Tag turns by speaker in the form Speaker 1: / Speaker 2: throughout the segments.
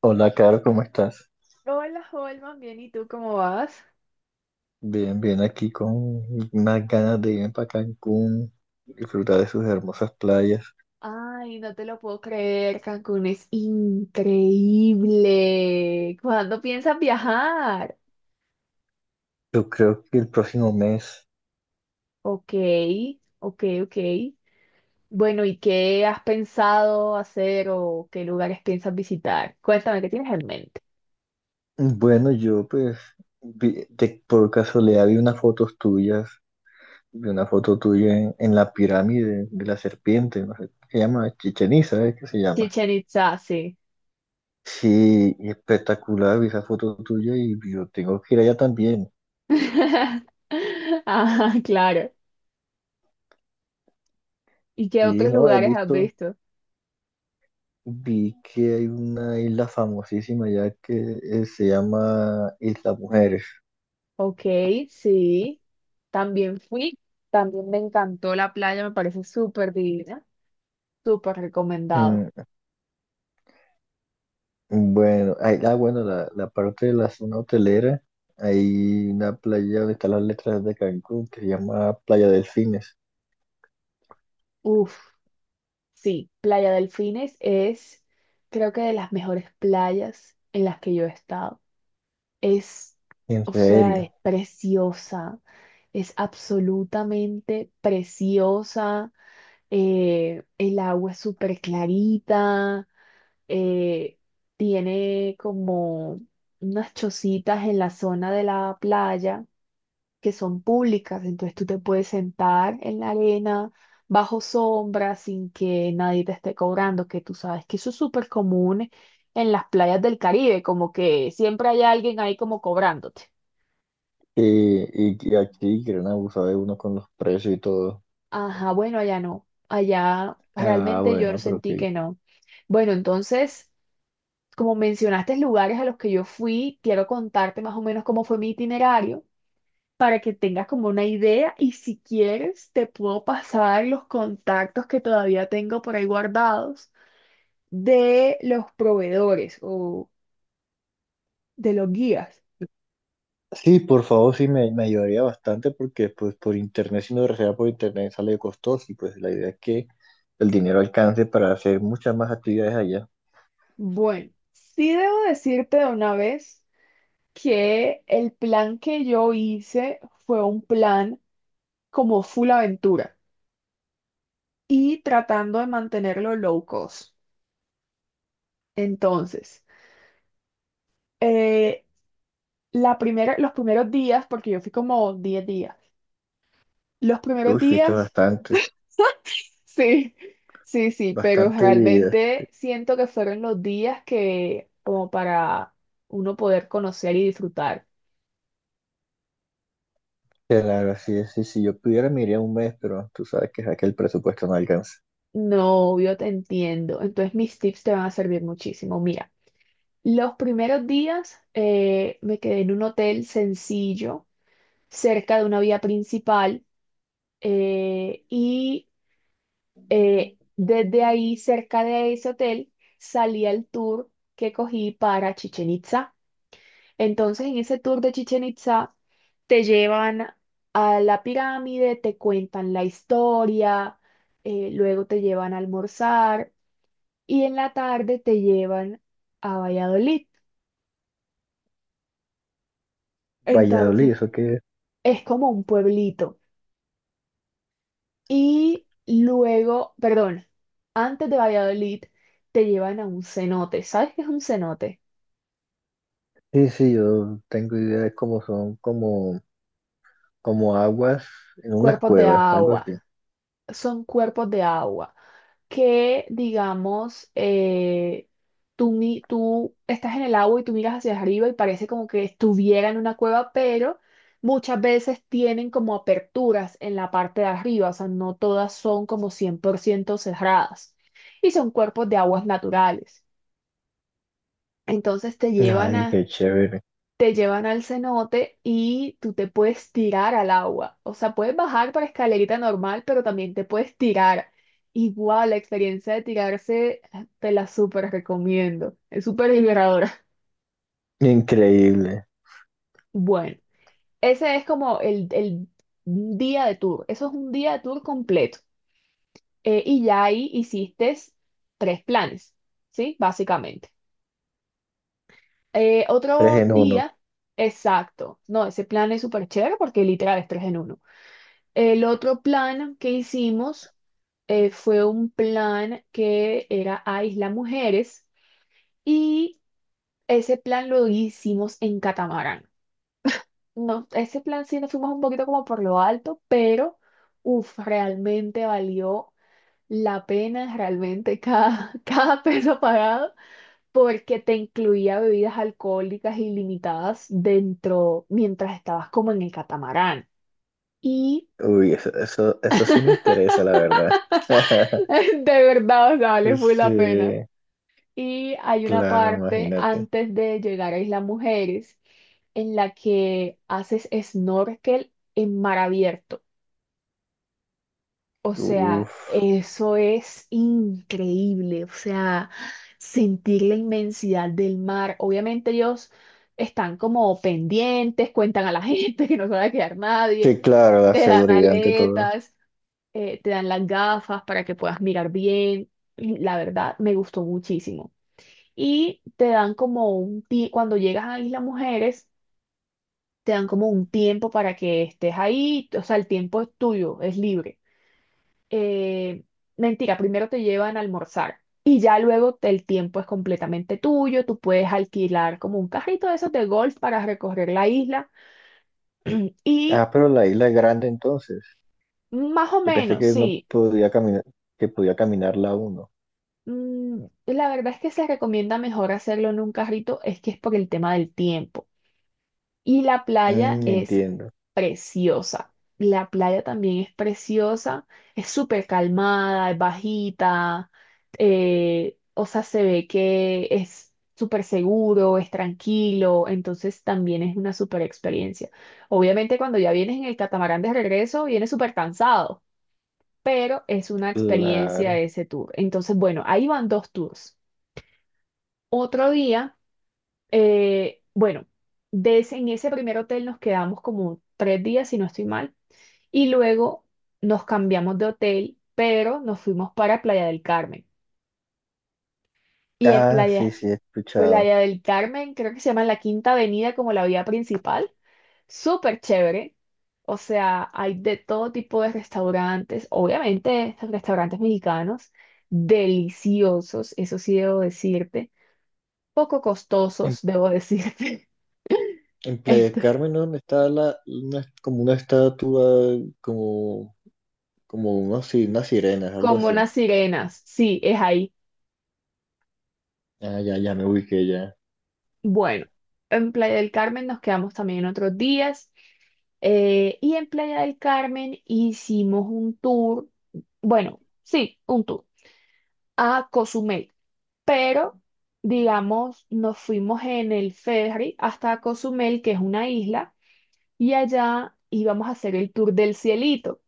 Speaker 1: Hola, Caro, ¿cómo estás?
Speaker 2: Hola, Holman, bien, ¿y tú cómo vas?
Speaker 1: Bien, bien, aquí con unas ganas de irme para Cancún, disfrutar de sus hermosas playas.
Speaker 2: Ay, no te lo puedo creer, Cancún es increíble. ¿Cuándo piensas viajar?
Speaker 1: Yo creo que el próximo mes.
Speaker 2: Ok, ok, ok. Bueno, ¿y qué has pensado hacer o qué lugares piensas visitar? Cuéntame, ¿qué tienes en mente?
Speaker 1: Bueno, yo pues por casualidad vi unas fotos tuyas, vi una foto tuya en la pirámide de la serpiente, no sé, ¿qué se llama? Chichen Itza, ¿eh? ¿Qué se llama?
Speaker 2: Chichen Itza, sí.
Speaker 1: Sí, y espectacular, vi esa foto tuya y yo tengo que ir allá también.
Speaker 2: Ah, claro. ¿Y qué
Speaker 1: Y
Speaker 2: otros
Speaker 1: no, he
Speaker 2: lugares has
Speaker 1: visto...
Speaker 2: visto?
Speaker 1: Vi que hay una isla famosísima ya que se llama Isla Mujeres.
Speaker 2: Ok, sí. También fui, también me encantó la playa, me parece súper divina, súper recomendado.
Speaker 1: Mm. Bueno, la parte de la zona hotelera, hay una playa donde están las letras de Cancún que se llama Playa Delfines.
Speaker 2: Uf, sí, Playa Delfines es creo que de las mejores playas en las que yo he estado. Es,
Speaker 1: ¿En
Speaker 2: o sea, es
Speaker 1: serio?
Speaker 2: preciosa, es absolutamente preciosa, el agua es súper clarita, eh, tiene como unas chocitas en la zona de la playa que son públicas, entonces tú te puedes sentar en la arena bajo sombra sin que nadie te esté cobrando, que tú sabes que eso es súper común en las playas del Caribe, como que siempre hay alguien ahí como cobrándote.
Speaker 1: Y que aquí quieren abusar de uno con los precios y todo.
Speaker 2: Ajá, bueno, allá no, allá
Speaker 1: Ah,
Speaker 2: realmente yo
Speaker 1: bueno, pero
Speaker 2: sentí
Speaker 1: qué.
Speaker 2: que no. Bueno, entonces, como mencionaste lugares a los que yo fui, quiero contarte más o menos cómo fue mi itinerario para que tengas como una idea y si quieres te puedo pasar los contactos que todavía tengo por ahí guardados de los proveedores o de los guías.
Speaker 1: Sí, por favor, sí me ayudaría bastante porque pues por internet, si no reserva por internet sale costoso y pues la idea es que el dinero alcance para hacer muchas más actividades allá.
Speaker 2: Bueno, sí debo decirte de una vez que el plan que yo hice fue un plan como full aventura y tratando de mantenerlo low cost. Entonces, eh, la primera, los primeros días, porque yo fui como 10 días, los primeros
Speaker 1: Uy, fuiste
Speaker 2: días,
Speaker 1: bastante,
Speaker 2: sí, sí, pero
Speaker 1: bastante días.
Speaker 2: realmente siento que fueron los días que como para uno poder conocer y disfrutar.
Speaker 1: Claro, así es, sí, si yo pudiera me iría un mes, pero tú sabes que, es que el presupuesto no alcanza.
Speaker 2: No, yo te entiendo. Entonces mis tips te van a servir muchísimo. Mira. Los primeros días me quedé en un hotel sencillo, cerca de una vía principal, eh, y desde ahí, cerca de ese hotel, salí al tour que cogí para Chichen Itza. Entonces, en ese tour de Chichen Itza, te llevan a la pirámide, te cuentan la historia, luego te llevan a almorzar y en la tarde te llevan a Valladolid.
Speaker 1: Valladolid,
Speaker 2: Entonces,
Speaker 1: eso que
Speaker 2: es como un pueblito. Y luego, perdón, antes de Valladolid te llevan a un cenote. ¿Sabes qué es un cenote?
Speaker 1: sí, sí, yo tengo idea de cómo son, como, como aguas en unas
Speaker 2: Cuerpos de
Speaker 1: cuevas, algo
Speaker 2: agua.
Speaker 1: así.
Speaker 2: Son cuerpos de agua que, digamos, tú estás en el agua y tú miras hacia arriba y parece como que estuviera en una cueva, pero muchas veces tienen como aperturas en la parte de arriba, o sea, no todas son como 100% cerradas. Y son cuerpos de aguas naturales. Entonces te llevan
Speaker 1: Ay,
Speaker 2: a
Speaker 1: qué chévere.
Speaker 2: Te llevan al cenote y tú te puedes tirar al agua. O sea, puedes bajar para escalerita normal, pero también te puedes tirar. Igual, la experiencia de tirarse te la súper recomiendo. Es súper liberadora.
Speaker 1: Increíble.
Speaker 2: Bueno, ese es como el día de tour. Eso es un día de tour completo. Y ya ahí hiciste tres planes, ¿sí? Básicamente. Eh,
Speaker 1: Tres
Speaker 2: otro
Speaker 1: en uno.
Speaker 2: día, exacto. No, ese plan es súper chévere porque literal es tres en uno. El otro plan que hicimos fue un plan que era a Isla Mujeres y ese plan lo hicimos en catamarán. No, ese plan sí nos fuimos un poquito como por lo alto, pero uf, realmente valió la pena, realmente cada, cada peso pagado, porque te incluía bebidas alcohólicas ilimitadas dentro mientras estabas como en el catamarán. Y
Speaker 1: Uy, eso sí me interesa, la verdad.
Speaker 2: de verdad, o sea, vale, fue la
Speaker 1: Sí,
Speaker 2: pena. Y hay una
Speaker 1: claro,
Speaker 2: parte
Speaker 1: imagínate.
Speaker 2: antes de llegar a Isla Mujeres en la que haces snorkel en mar abierto. O sea,
Speaker 1: Uf.
Speaker 2: eso es increíble. O sea, sentir la inmensidad del mar. Obviamente ellos están como pendientes, cuentan a la gente que no se va a quedar nadie,
Speaker 1: Sí, claro, la
Speaker 2: te dan
Speaker 1: seguridad ante todo.
Speaker 2: aletas, te dan las gafas para que puedas mirar bien. Y la verdad, me gustó muchísimo y te dan como un tiempo, cuando llegas a Isla Mujeres, te dan como un tiempo para que estés ahí, o sea, el tiempo es tuyo, es libre. Eh, mentira, primero te llevan a almorzar y ya luego el tiempo es completamente tuyo, tú puedes alquilar como un carrito de esos de golf para recorrer la isla
Speaker 1: Ah,
Speaker 2: y
Speaker 1: pero la isla es grande entonces.
Speaker 2: más o
Speaker 1: Yo pensé
Speaker 2: menos,
Speaker 1: que no
Speaker 2: sí.
Speaker 1: podía caminar, que podía caminarla uno.
Speaker 2: La verdad es que se recomienda mejor hacerlo en un carrito, es que es por el tema del tiempo. Y la playa
Speaker 1: Mm,
Speaker 2: es
Speaker 1: entiendo.
Speaker 2: preciosa. La playa también es preciosa. Es súper calmada, es bajita. O sea, se ve que es súper seguro, es tranquilo. Entonces también es una súper experiencia. Obviamente cuando ya vienes en el catamarán de regreso, vienes súper cansado. Pero es una experiencia
Speaker 1: Claro.
Speaker 2: ese tour. Entonces, bueno, ahí van dos tours. Otro día. Eh, bueno, en ese primer hotel nos quedamos como 3 días, si no estoy mal, y luego nos cambiamos de hotel, pero nos fuimos para Playa del Carmen. Y en
Speaker 1: Ah,
Speaker 2: Playa,
Speaker 1: sí, sí, he escuchado.
Speaker 2: Playa del Carmen, creo que se llama la Quinta Avenida como la vía principal, súper chévere. O sea, hay de todo tipo de restaurantes, obviamente restaurantes mexicanos, deliciosos, eso sí debo decirte, poco
Speaker 1: En,
Speaker 2: costosos, debo decirte.
Speaker 1: en Playa del Carmen, ¿no? Donde está como una estatua, como, como unos, sí, unas sirenas, algo
Speaker 2: Como
Speaker 1: así.
Speaker 2: unas sirenas, sí, es ahí.
Speaker 1: Ah, ya, ya me ubiqué ya.
Speaker 2: Bueno, en Playa del Carmen nos quedamos también otros días. Y en Playa del Carmen hicimos un tour, bueno, sí, un tour a Cozumel. Pero, digamos, nos fuimos en el ferry hasta Cozumel, que es una isla, y allá íbamos a hacer el tour del cielito,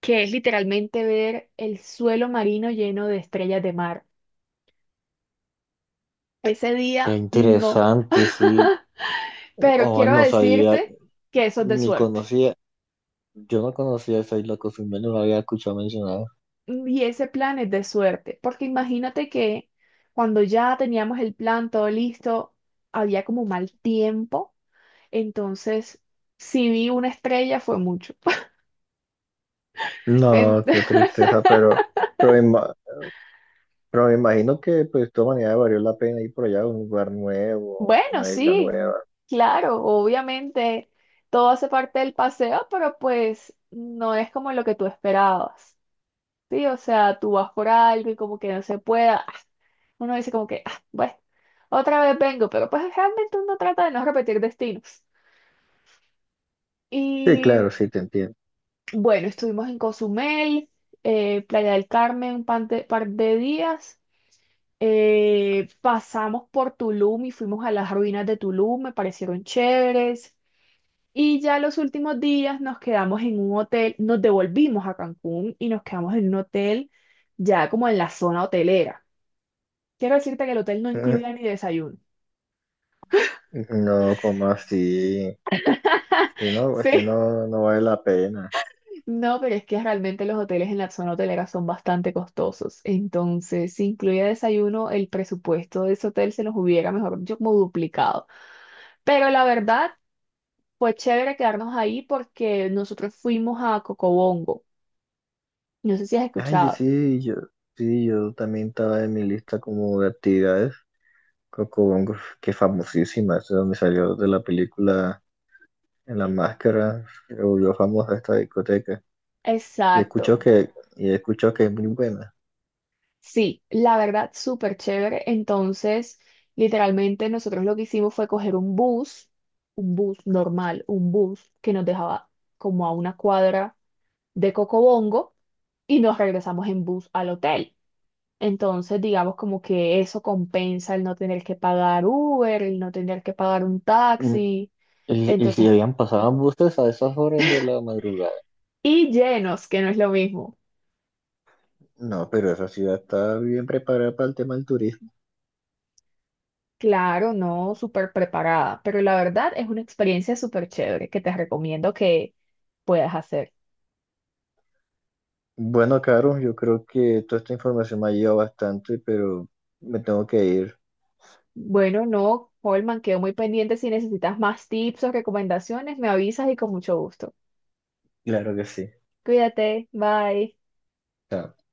Speaker 2: que es literalmente ver el suelo marino lleno de estrellas de mar. Ese
Speaker 1: Qué
Speaker 2: día no.
Speaker 1: interesante, sí.
Speaker 2: Pero
Speaker 1: Oh,
Speaker 2: quiero
Speaker 1: no sabía,
Speaker 2: decirte que eso es de
Speaker 1: ni
Speaker 2: suerte.
Speaker 1: conocía. Yo no conocía esa isla Cozumel, no la había escuchado mencionar.
Speaker 2: Y ese plan es de suerte, porque imagínate que cuando ya teníamos el plan todo listo, había como mal tiempo, entonces si vi una estrella fue mucho. En-
Speaker 1: No, qué tristeza, pero, pero, ima- pero me imagino que pues de todas maneras valió la pena ir por allá a un lugar nuevo,
Speaker 2: Bueno,
Speaker 1: una isla
Speaker 2: sí,
Speaker 1: nueva.
Speaker 2: claro, obviamente todo hace parte del paseo, pero pues no es como lo que tú esperabas. Sí, o sea, tú vas por algo y como que no se pueda. Uno dice como que, ah, bueno, otra vez vengo, pero pues realmente uno trata de no repetir destinos.
Speaker 1: Sí,
Speaker 2: Y
Speaker 1: claro, sí, te entiendo.
Speaker 2: bueno, estuvimos en Cozumel, Playa del Carmen par de, días. Pasamos por Tulum y fuimos a las ruinas de Tulum, me parecieron chéveres. Y ya los últimos días nos quedamos en un hotel, nos devolvimos a Cancún y nos quedamos en un hotel ya como en la zona hotelera. Quiero decirte que el hotel no
Speaker 1: Mm.
Speaker 2: incluía ni desayuno.
Speaker 1: No, como así, si no, si
Speaker 2: Sí.
Speaker 1: no, no vale la pena.
Speaker 2: No, pero es que realmente los hoteles en la zona hotelera son bastante costosos. Entonces, si incluía desayuno, el presupuesto de ese hotel se nos hubiera, mejor dicho, como duplicado. Pero la verdad, fue chévere quedarnos ahí porque nosotros fuimos a Cocobongo. No sé si has
Speaker 1: Ay,
Speaker 2: escuchado.
Speaker 1: sí, yo, sí, yo también estaba en mi lista como de actividades. Coco Bongo, que es famosísima, es de donde salió de la película En la Máscara, se volvió famosa esta discoteca. Y escuchó
Speaker 2: Exacto.
Speaker 1: que, y escuchó que es muy buena.
Speaker 2: Sí, la verdad, súper chévere. Entonces, literalmente nosotros lo que hicimos fue coger un bus normal, un bus que nos dejaba como a una cuadra de Cocobongo y nos regresamos en bus al hotel. Entonces, digamos como que eso compensa el no tener que pagar Uber, el no tener que pagar un
Speaker 1: Mm.
Speaker 2: taxi.
Speaker 1: Y si
Speaker 2: Entonces,
Speaker 1: habían pasado buses a esas horas de la madrugada.
Speaker 2: y llenos, que no es lo mismo.
Speaker 1: No, pero esa ciudad está bien preparada para el tema del turismo.
Speaker 2: Claro, no súper preparada, pero la verdad es una experiencia súper chévere que te recomiendo que puedas hacer.
Speaker 1: Bueno, Caro, yo creo que toda esta información me ha ayudado bastante, pero me tengo que ir.
Speaker 2: Bueno, no, Holman, quedo muy pendiente. Si necesitas más tips o recomendaciones, me avisas y con mucho gusto.
Speaker 1: Claro que sí.
Speaker 2: Cuídate, bye.
Speaker 1: Chao.